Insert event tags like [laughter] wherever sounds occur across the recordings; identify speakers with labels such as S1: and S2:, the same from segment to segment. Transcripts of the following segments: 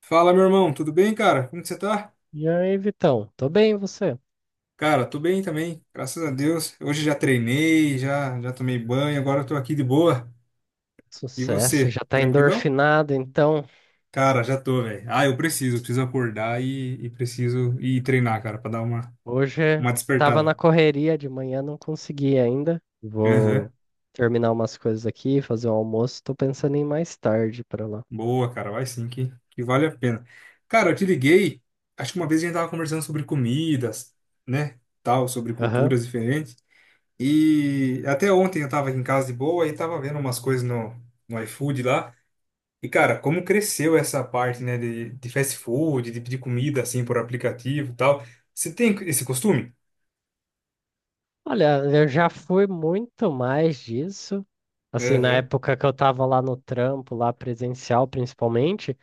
S1: Fala, meu irmão, tudo bem, cara? Como que você tá?
S2: E aí, Vitão? Tô bem, e você?
S1: Cara, tô bem também, graças a Deus. Hoje já treinei, já tomei banho, agora eu tô aqui de boa. E
S2: Sucesso,
S1: você,
S2: já tá
S1: tranquilão?
S2: endorfinado, então.
S1: Cara, já tô, velho. Ah, eu preciso acordar e preciso ir treinar, cara, pra dar
S2: Hoje
S1: uma
S2: tava
S1: despertada.
S2: na correria de manhã, não consegui ainda. Vou
S1: Aham.
S2: terminar umas coisas aqui, fazer um almoço. Tô pensando em ir mais tarde pra lá.
S1: Boa, cara, vai sim que vale a pena. Cara, eu te liguei, acho que uma vez a gente tava conversando sobre comidas, né? Tal, sobre
S2: Aham.
S1: culturas diferentes. E até ontem eu tava aqui em casa de boa e tava vendo umas coisas no iFood lá. E, cara, como cresceu essa parte, né, de fast food, de pedir comida, assim, por aplicativo e tal. Você tem esse costume?
S2: Olha, eu já fui muito mais disso. Assim, na
S1: Aham.
S2: época que eu tava lá no trampo, lá presencial principalmente,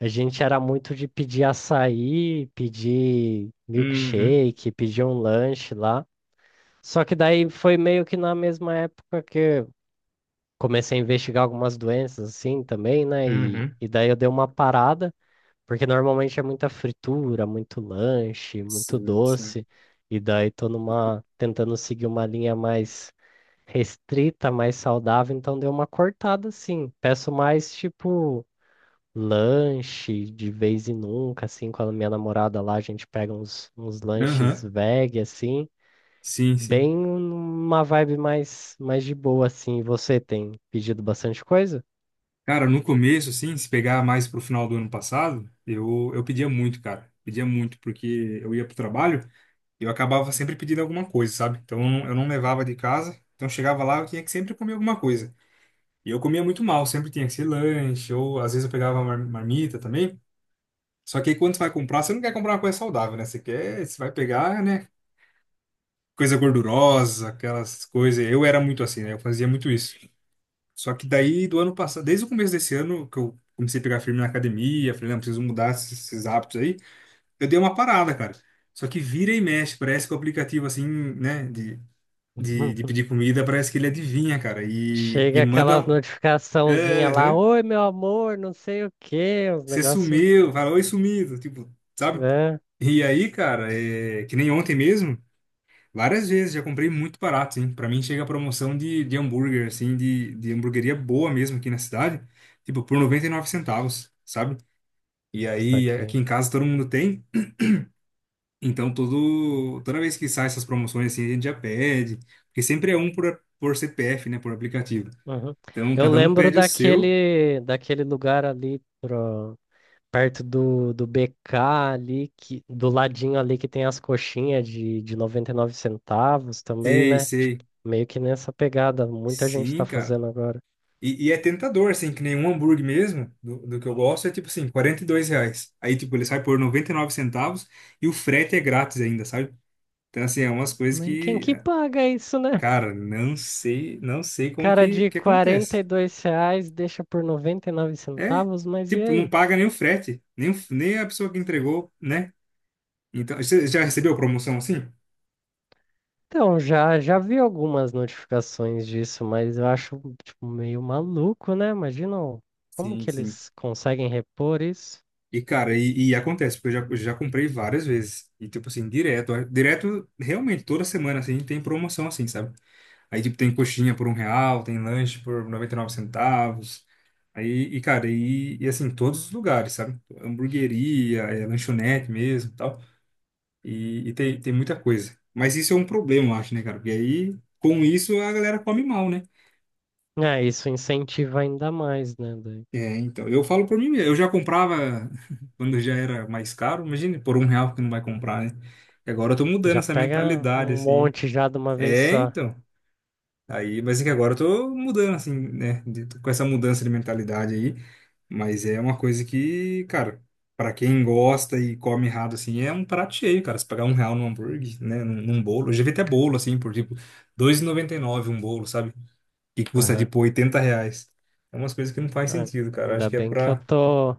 S2: a gente era muito de pedir açaí, pedir
S1: Uhum.
S2: milkshake, pedir um lanche lá. Só que daí foi meio que na mesma época que eu comecei a investigar algumas doenças assim também, né? E,
S1: Uhum.
S2: e daí eu dei uma parada, porque normalmente é muita fritura, muito lanche, muito
S1: Sim, sim.
S2: doce, e daí tô numa tentando seguir uma linha mais restrita, mais saudável, então dei uma cortada assim. Peço mais tipo lanche de vez em nunca, assim, com a minha namorada lá, a gente pega uns lanches
S1: Aham.
S2: veg assim.
S1: Sim, sim.
S2: Bem uma vibe mais, mais de boa, assim. Você tem pedido bastante coisa?
S1: Cara, no começo, assim, se pegar mais pro final do ano passado, eu pedia muito, cara. Pedia muito, porque eu ia pro trabalho. Eu acabava sempre pedindo alguma coisa, sabe? Então eu não levava de casa, então chegava lá eu tinha que sempre comer alguma coisa. E eu comia muito mal, sempre tinha que ser lanche, ou às vezes eu pegava marmita também. Só que aí quando você vai comprar, você não quer comprar uma coisa saudável, né? Você quer, você vai pegar, né? Coisa gordurosa, aquelas coisas. Eu era muito assim, né? Eu fazia muito isso. Só que daí do ano passado, desde o começo desse ano, que eu comecei a pegar firme na academia, falei, não, preciso mudar esses hábitos aí. Eu dei uma parada, cara. Só que vira e mexe, parece que o aplicativo, assim, né, de
S2: [laughs]
S1: pedir comida, parece que ele adivinha, cara, e
S2: Chega
S1: manda.
S2: aquela
S1: Um,
S2: notificaçãozinha lá,
S1: aham,
S2: oi, meu amor, não sei o quê, os
S1: você
S2: negócios,
S1: sumiu, fala, oi, sumido, tipo, sabe?
S2: né?
S1: E aí, cara, é, que nem ontem mesmo, várias vezes já comprei muito barato, hein? Pra mim chega a promoção de hambúrguer, assim, de hamburgueria boa mesmo aqui na cidade, tipo, por R$ 0,99, sabe? E aí,
S2: Saquei.
S1: aqui em casa todo mundo tem, então todo, toda vez que sai essas promoções, assim, a gente já pede, porque sempre é um por CPF, né, por aplicativo.
S2: Uhum.
S1: Então,
S2: Eu
S1: cada um
S2: lembro
S1: pede o seu.
S2: daquele lugar ali pro, perto do BK ali, que, do ladinho ali que tem as coxinhas de 99 centavos também,
S1: Sei,
S2: né? Tipo,
S1: sei.
S2: meio que nessa pegada, muita gente tá
S1: Sim, cara.
S2: fazendo agora.
S1: E é tentador, assim, que nem um hambúrguer mesmo, do que eu gosto, é tipo assim, R$ 42. Aí, tipo, ele sai por R$ 0,99 e o frete é grátis ainda, sabe? Então, assim, é umas coisas
S2: Mas quem
S1: que,
S2: que
S1: é,
S2: paga isso, né?
S1: cara, não sei, não sei como
S2: Cara, de
S1: que
S2: quarenta
S1: acontece.
S2: e dois reais deixa por 99
S1: É,
S2: centavos, mas e
S1: tipo, não
S2: aí?
S1: paga nem o frete, nem, nem a pessoa que entregou, né? Então, você já
S2: Que s-
S1: recebeu promoção assim?
S2: Então, já vi algumas notificações disso, mas eu acho tipo, meio maluco, né? Como
S1: Sim,
S2: que
S1: sim.
S2: eles conseguem repor isso.
S1: E, cara, e acontece, porque eu eu já comprei várias vezes. E, tipo assim, direto. Direto, realmente, toda semana, assim, tem promoção, assim, sabe? Aí, tipo, tem coxinha por R$ 1, tem lanche por R$ 0,99. Aí, e, cara, e assim, todos os lugares, sabe? Hamburgueria, é, lanchonete mesmo e tal. E, tem muita coisa. Mas isso é um problema, eu acho, né, cara? Porque aí, com isso, a galera come mal, né?
S2: É, isso incentiva ainda mais, né, daí?
S1: É, então, eu falo por mim mesmo. Eu já comprava [laughs] quando já era mais caro. Imagine por R$ 1 que não vai comprar, né? E agora eu tô mudando
S2: Já
S1: essa
S2: pega
S1: mentalidade,
S2: um
S1: assim.
S2: monte já de uma vez
S1: É,
S2: só.
S1: então. Aí, mas é que agora eu tô mudando, assim, né? Tô com essa mudança de mentalidade aí. Mas é uma coisa que, cara, pra quem gosta e come errado, assim, é um prato cheio, cara. Se pagar R$ 1 num hambúrguer, né? Num, num bolo. Eu já vi até bolo, assim, por tipo, 2,99 um bolo, sabe? E que custa
S2: Aham.
S1: tipo R$ 80. É umas coisas que não faz
S2: É,
S1: sentido, cara. Acho
S2: ainda
S1: que é
S2: bem que eu
S1: pra.
S2: tô...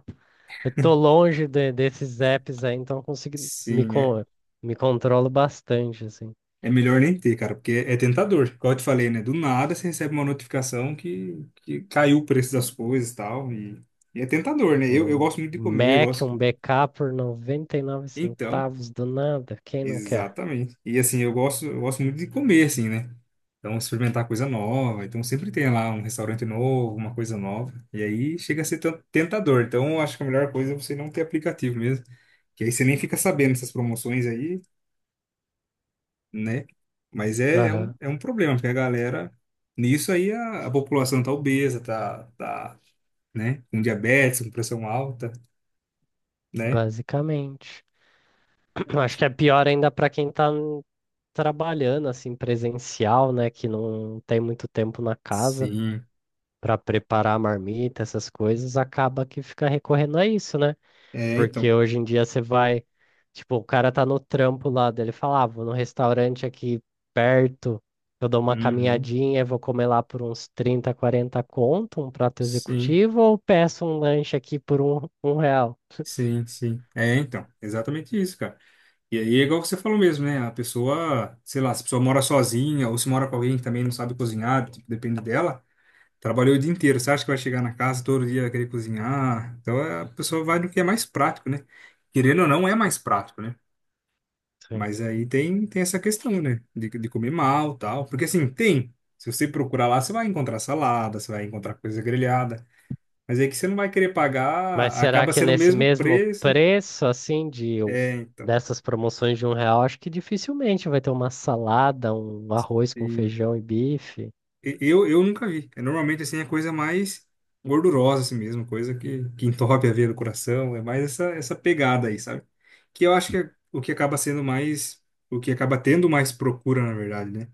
S2: Eu tô longe de- desses apps aí, então eu consigo me,
S1: Sim, é,
S2: con- me controlo bastante, assim.
S1: é melhor nem ter, cara, porque é tentador. Igual eu te falei, né? Do nada você recebe uma notificação que caiu o preço das coisas e tal, e é tentador, né? Eu
S2: Um
S1: gosto muito de comer, eu
S2: Mac, um
S1: gosto.
S2: BK por 99
S1: Então,
S2: centavos do nada, quem não quer?
S1: exatamente. E assim, eu gosto muito de comer, assim, né? Então, experimentar coisa nova. Então, sempre tem lá um restaurante novo, uma coisa nova. E aí chega a ser tentador. Então, eu acho que a melhor coisa é você não ter aplicativo mesmo. Que aí você nem fica sabendo essas promoções aí. Né? Mas é,
S2: Aham.
S1: é um problema, porque a galera, nisso aí a população tá obesa, tá, tá, né? Com diabetes, com pressão alta, né?
S2: Basicamente. [clears throat] Acho que é pior ainda para quem tá n- trabalhando, assim, presencial, né? Que não tem muito tempo na casa
S1: Sim,
S2: para preparar a marmita, essas coisas, acaba que fica recorrendo a isso, né?
S1: é,
S2: Porque
S1: então.
S2: hoje em dia você vai, tipo, o cara tá no trampo lá dele, fala, ah, vou num restaurante aqui perto, eu dou uma
S1: Uhum.
S2: caminhadinha, vou comer lá por uns 30 40 conto, um prato
S1: Sim,
S2: executivo, ou peço um lanche aqui por um real.
S1: sim, sim. É, então, exatamente isso, cara. E aí é igual você falou mesmo, né? A pessoa, sei lá, se a pessoa mora sozinha ou se mora com alguém que também não sabe cozinhar, tipo, depende dela, trabalhou o dia inteiro, você acha que vai chegar na casa todo dia vai querer cozinhar? Então é, a pessoa vai no que é mais prático, né? Querendo ou não, é mais prático, né?
S2: Sim.
S1: Mas aí tem essa questão, né? De comer mal, tal. Porque assim, tem. Se você procurar lá, você vai encontrar salada, você vai encontrar coisa grelhada. Mas aí que você não vai querer pagar,
S2: Mas será
S1: acaba
S2: que
S1: sendo o
S2: nesse
S1: mesmo
S2: mesmo
S1: preço.
S2: preço, assim,
S1: É, então.
S2: dessas promoções de um real, acho que dificilmente vai ter uma salada, um arroz com
S1: E,
S2: feijão e bife,
S1: eu nunca vi. É, normalmente, assim, é coisa mais gordurosa, assim mesmo. Coisa que entope a veia do coração. É mais essa, essa pegada aí, sabe? Que eu acho que é o que acaba sendo mais... O que acaba tendo mais procura, na verdade, né?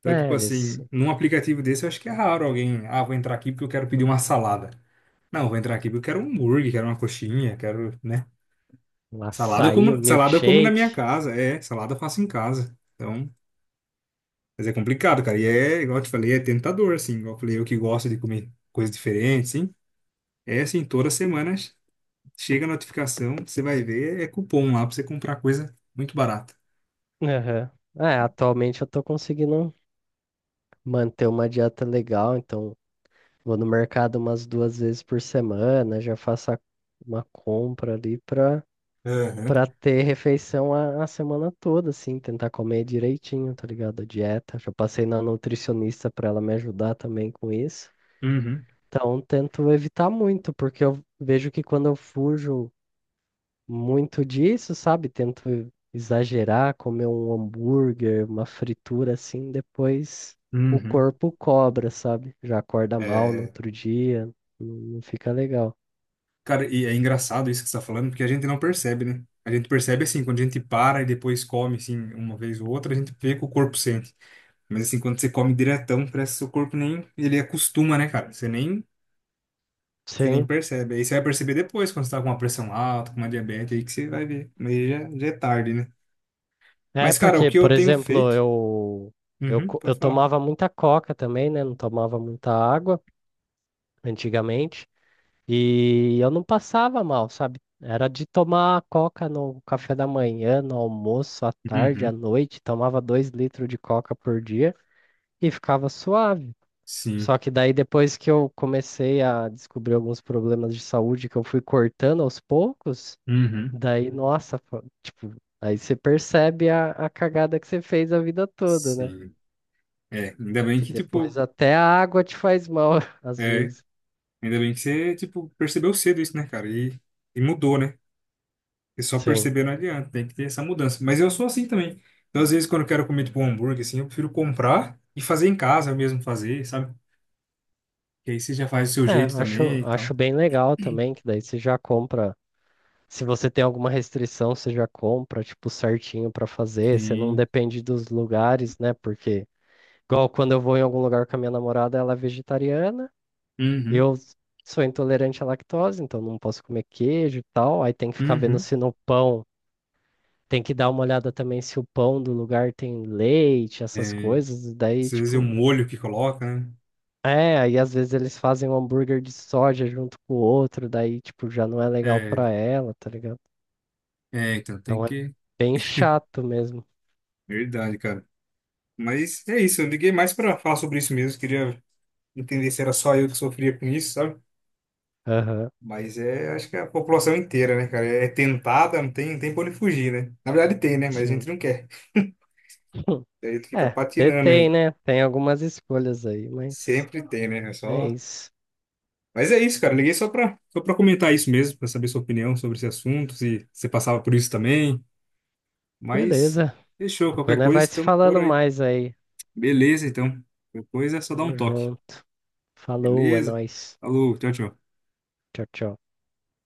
S1: Então,
S2: né?
S1: tipo
S2: Eles,
S1: assim, num aplicativo desse, eu acho que é raro alguém, ah, vou entrar aqui porque eu quero pedir uma salada. Não, vou entrar aqui porque eu quero um hambúrguer, quero uma coxinha, quero, né?
S2: um açaí, um
S1: Salada eu como na minha
S2: milkshake.
S1: casa, é, salada eu faço em casa. Então, mas é complicado, cara. E é, igual eu te falei, é tentador, assim, igual eu falei, eu que gosto de comer coisas diferentes, sim. É assim, todas as semanas chega a notificação, você vai ver, é cupom lá pra você comprar coisa muito barata.
S2: Aham. É, atualmente eu tô conseguindo manter uma dieta legal, então vou no mercado umas 2 vezes por semana, uma compra ali pra,
S1: Aham.
S2: pra ter refeição a semana toda, assim, tentar comer direitinho, tá ligado? A dieta. Já passei na nutricionista pra ela me ajudar também com isso.
S1: Uhum,
S2: Então, tento evitar muito, porque eu vejo que quando eu fujo muito disso, sabe? Tento exagerar, comer um hambúrguer, uma fritura assim, depois o
S1: uhum.
S2: corpo cobra, sabe? Já acorda mal no
S1: É,
S2: outro dia, não fica legal.
S1: cara, e é engraçado isso que você tá falando, porque a gente não percebe, né? A gente percebe assim, quando a gente para e depois come, assim, uma vez ou outra, a gente vê que o corpo sente. Mas assim, quando você come diretão, parece que seu corpo nem, ele acostuma, né, cara? Você nem
S2: Sim.
S1: percebe. Aí você vai perceber depois, quando você tá com uma pressão alta, com uma diabetes, aí que você vai ver. Mas aí já, já é tarde, né?
S2: É
S1: Mas, cara, o
S2: porque,
S1: que eu
S2: por
S1: tenho
S2: exemplo,
S1: feito... Uhum,
S2: eu
S1: pode falar.
S2: tomava muita coca também, né? Não tomava muita água antigamente. E eu não passava mal, sabe? Era de tomar coca no café da manhã, no almoço, à tarde, à
S1: Uhum,
S2: noite. Tomava 2 litros de coca por dia e ficava suave.
S1: sim.
S2: Só que daí depois que eu comecei a descobrir alguns problemas de saúde que eu fui cortando aos poucos,
S1: Uhum,
S2: daí, nossa, tipo, aí você percebe a cagada que você fez a vida toda, né?
S1: sim. É, ainda bem
S2: Que
S1: que,
S2: depois
S1: tipo,
S2: até a água te faz mal, [laughs] às
S1: é,
S2: vezes.
S1: ainda bem que você, tipo, percebeu cedo isso, né, cara? E mudou, né? E só
S2: Sim.
S1: perceber não adianta, tem que ter essa mudança. Mas eu sou assim também. Então, às vezes, quando eu quero comer tipo um hambúrguer, assim, eu prefiro comprar e fazer em casa, eu mesmo fazer, sabe? Que aí você já faz do seu
S2: É,
S1: jeito
S2: acho,
S1: também e tal.
S2: acho bem legal também, que daí você já compra. Se você tem alguma restrição, você já compra, tipo, certinho pra fazer. Você não
S1: Sim.
S2: depende dos lugares, né? Porque... Igual quando eu vou em algum lugar com a minha namorada, ela é vegetariana,
S1: Uhum.
S2: eu sou intolerante à lactose, então não posso comer queijo e tal. Aí tem que ficar vendo
S1: Uhum.
S2: se no pão, tem que dar uma olhada também se o pão do lugar tem leite, essas
S1: É,
S2: coisas.
S1: às
S2: Daí,
S1: vezes é o
S2: tipo,
S1: molho que coloca, né?
S2: é, aí às vezes eles fazem um hambúrguer de soja junto com o outro, daí, tipo, já não é legal
S1: É,
S2: pra ela, tá ligado?
S1: então tem
S2: Então é
S1: que.
S2: bem chato mesmo.
S1: Verdade, cara. Mas é isso, eu liguei mais pra falar sobre isso mesmo. Queria entender se era só eu que sofria com isso, sabe?
S2: Aham,
S1: Mas é, acho que é a população inteira, né, cara? É tentada, não tem pra onde fugir, né? Na verdade tem, né? Mas a gente
S2: sim.
S1: não quer.
S2: [laughs]
S1: Daí tu fica
S2: É,
S1: patinando
S2: detém,
S1: aí.
S2: né? Tem algumas escolhas aí, mas
S1: Sempre tem, né? É só...
S2: é isso.
S1: Mas é isso, cara. Liguei só pra comentar isso mesmo, pra saber sua opinião sobre esse assunto, se você passava por isso também. Mas
S2: Beleza.
S1: fechou,
S2: Depois
S1: qualquer
S2: nós vai
S1: coisa,
S2: se
S1: estamos por
S2: falando
S1: aí.
S2: mais aí.
S1: Beleza, então. Qualquer coisa é só dar um
S2: Tamo
S1: toque.
S2: junto. Falou, é
S1: Beleza?
S2: nóis.
S1: Falou, tchau, tchau.
S2: Tchau, tchau.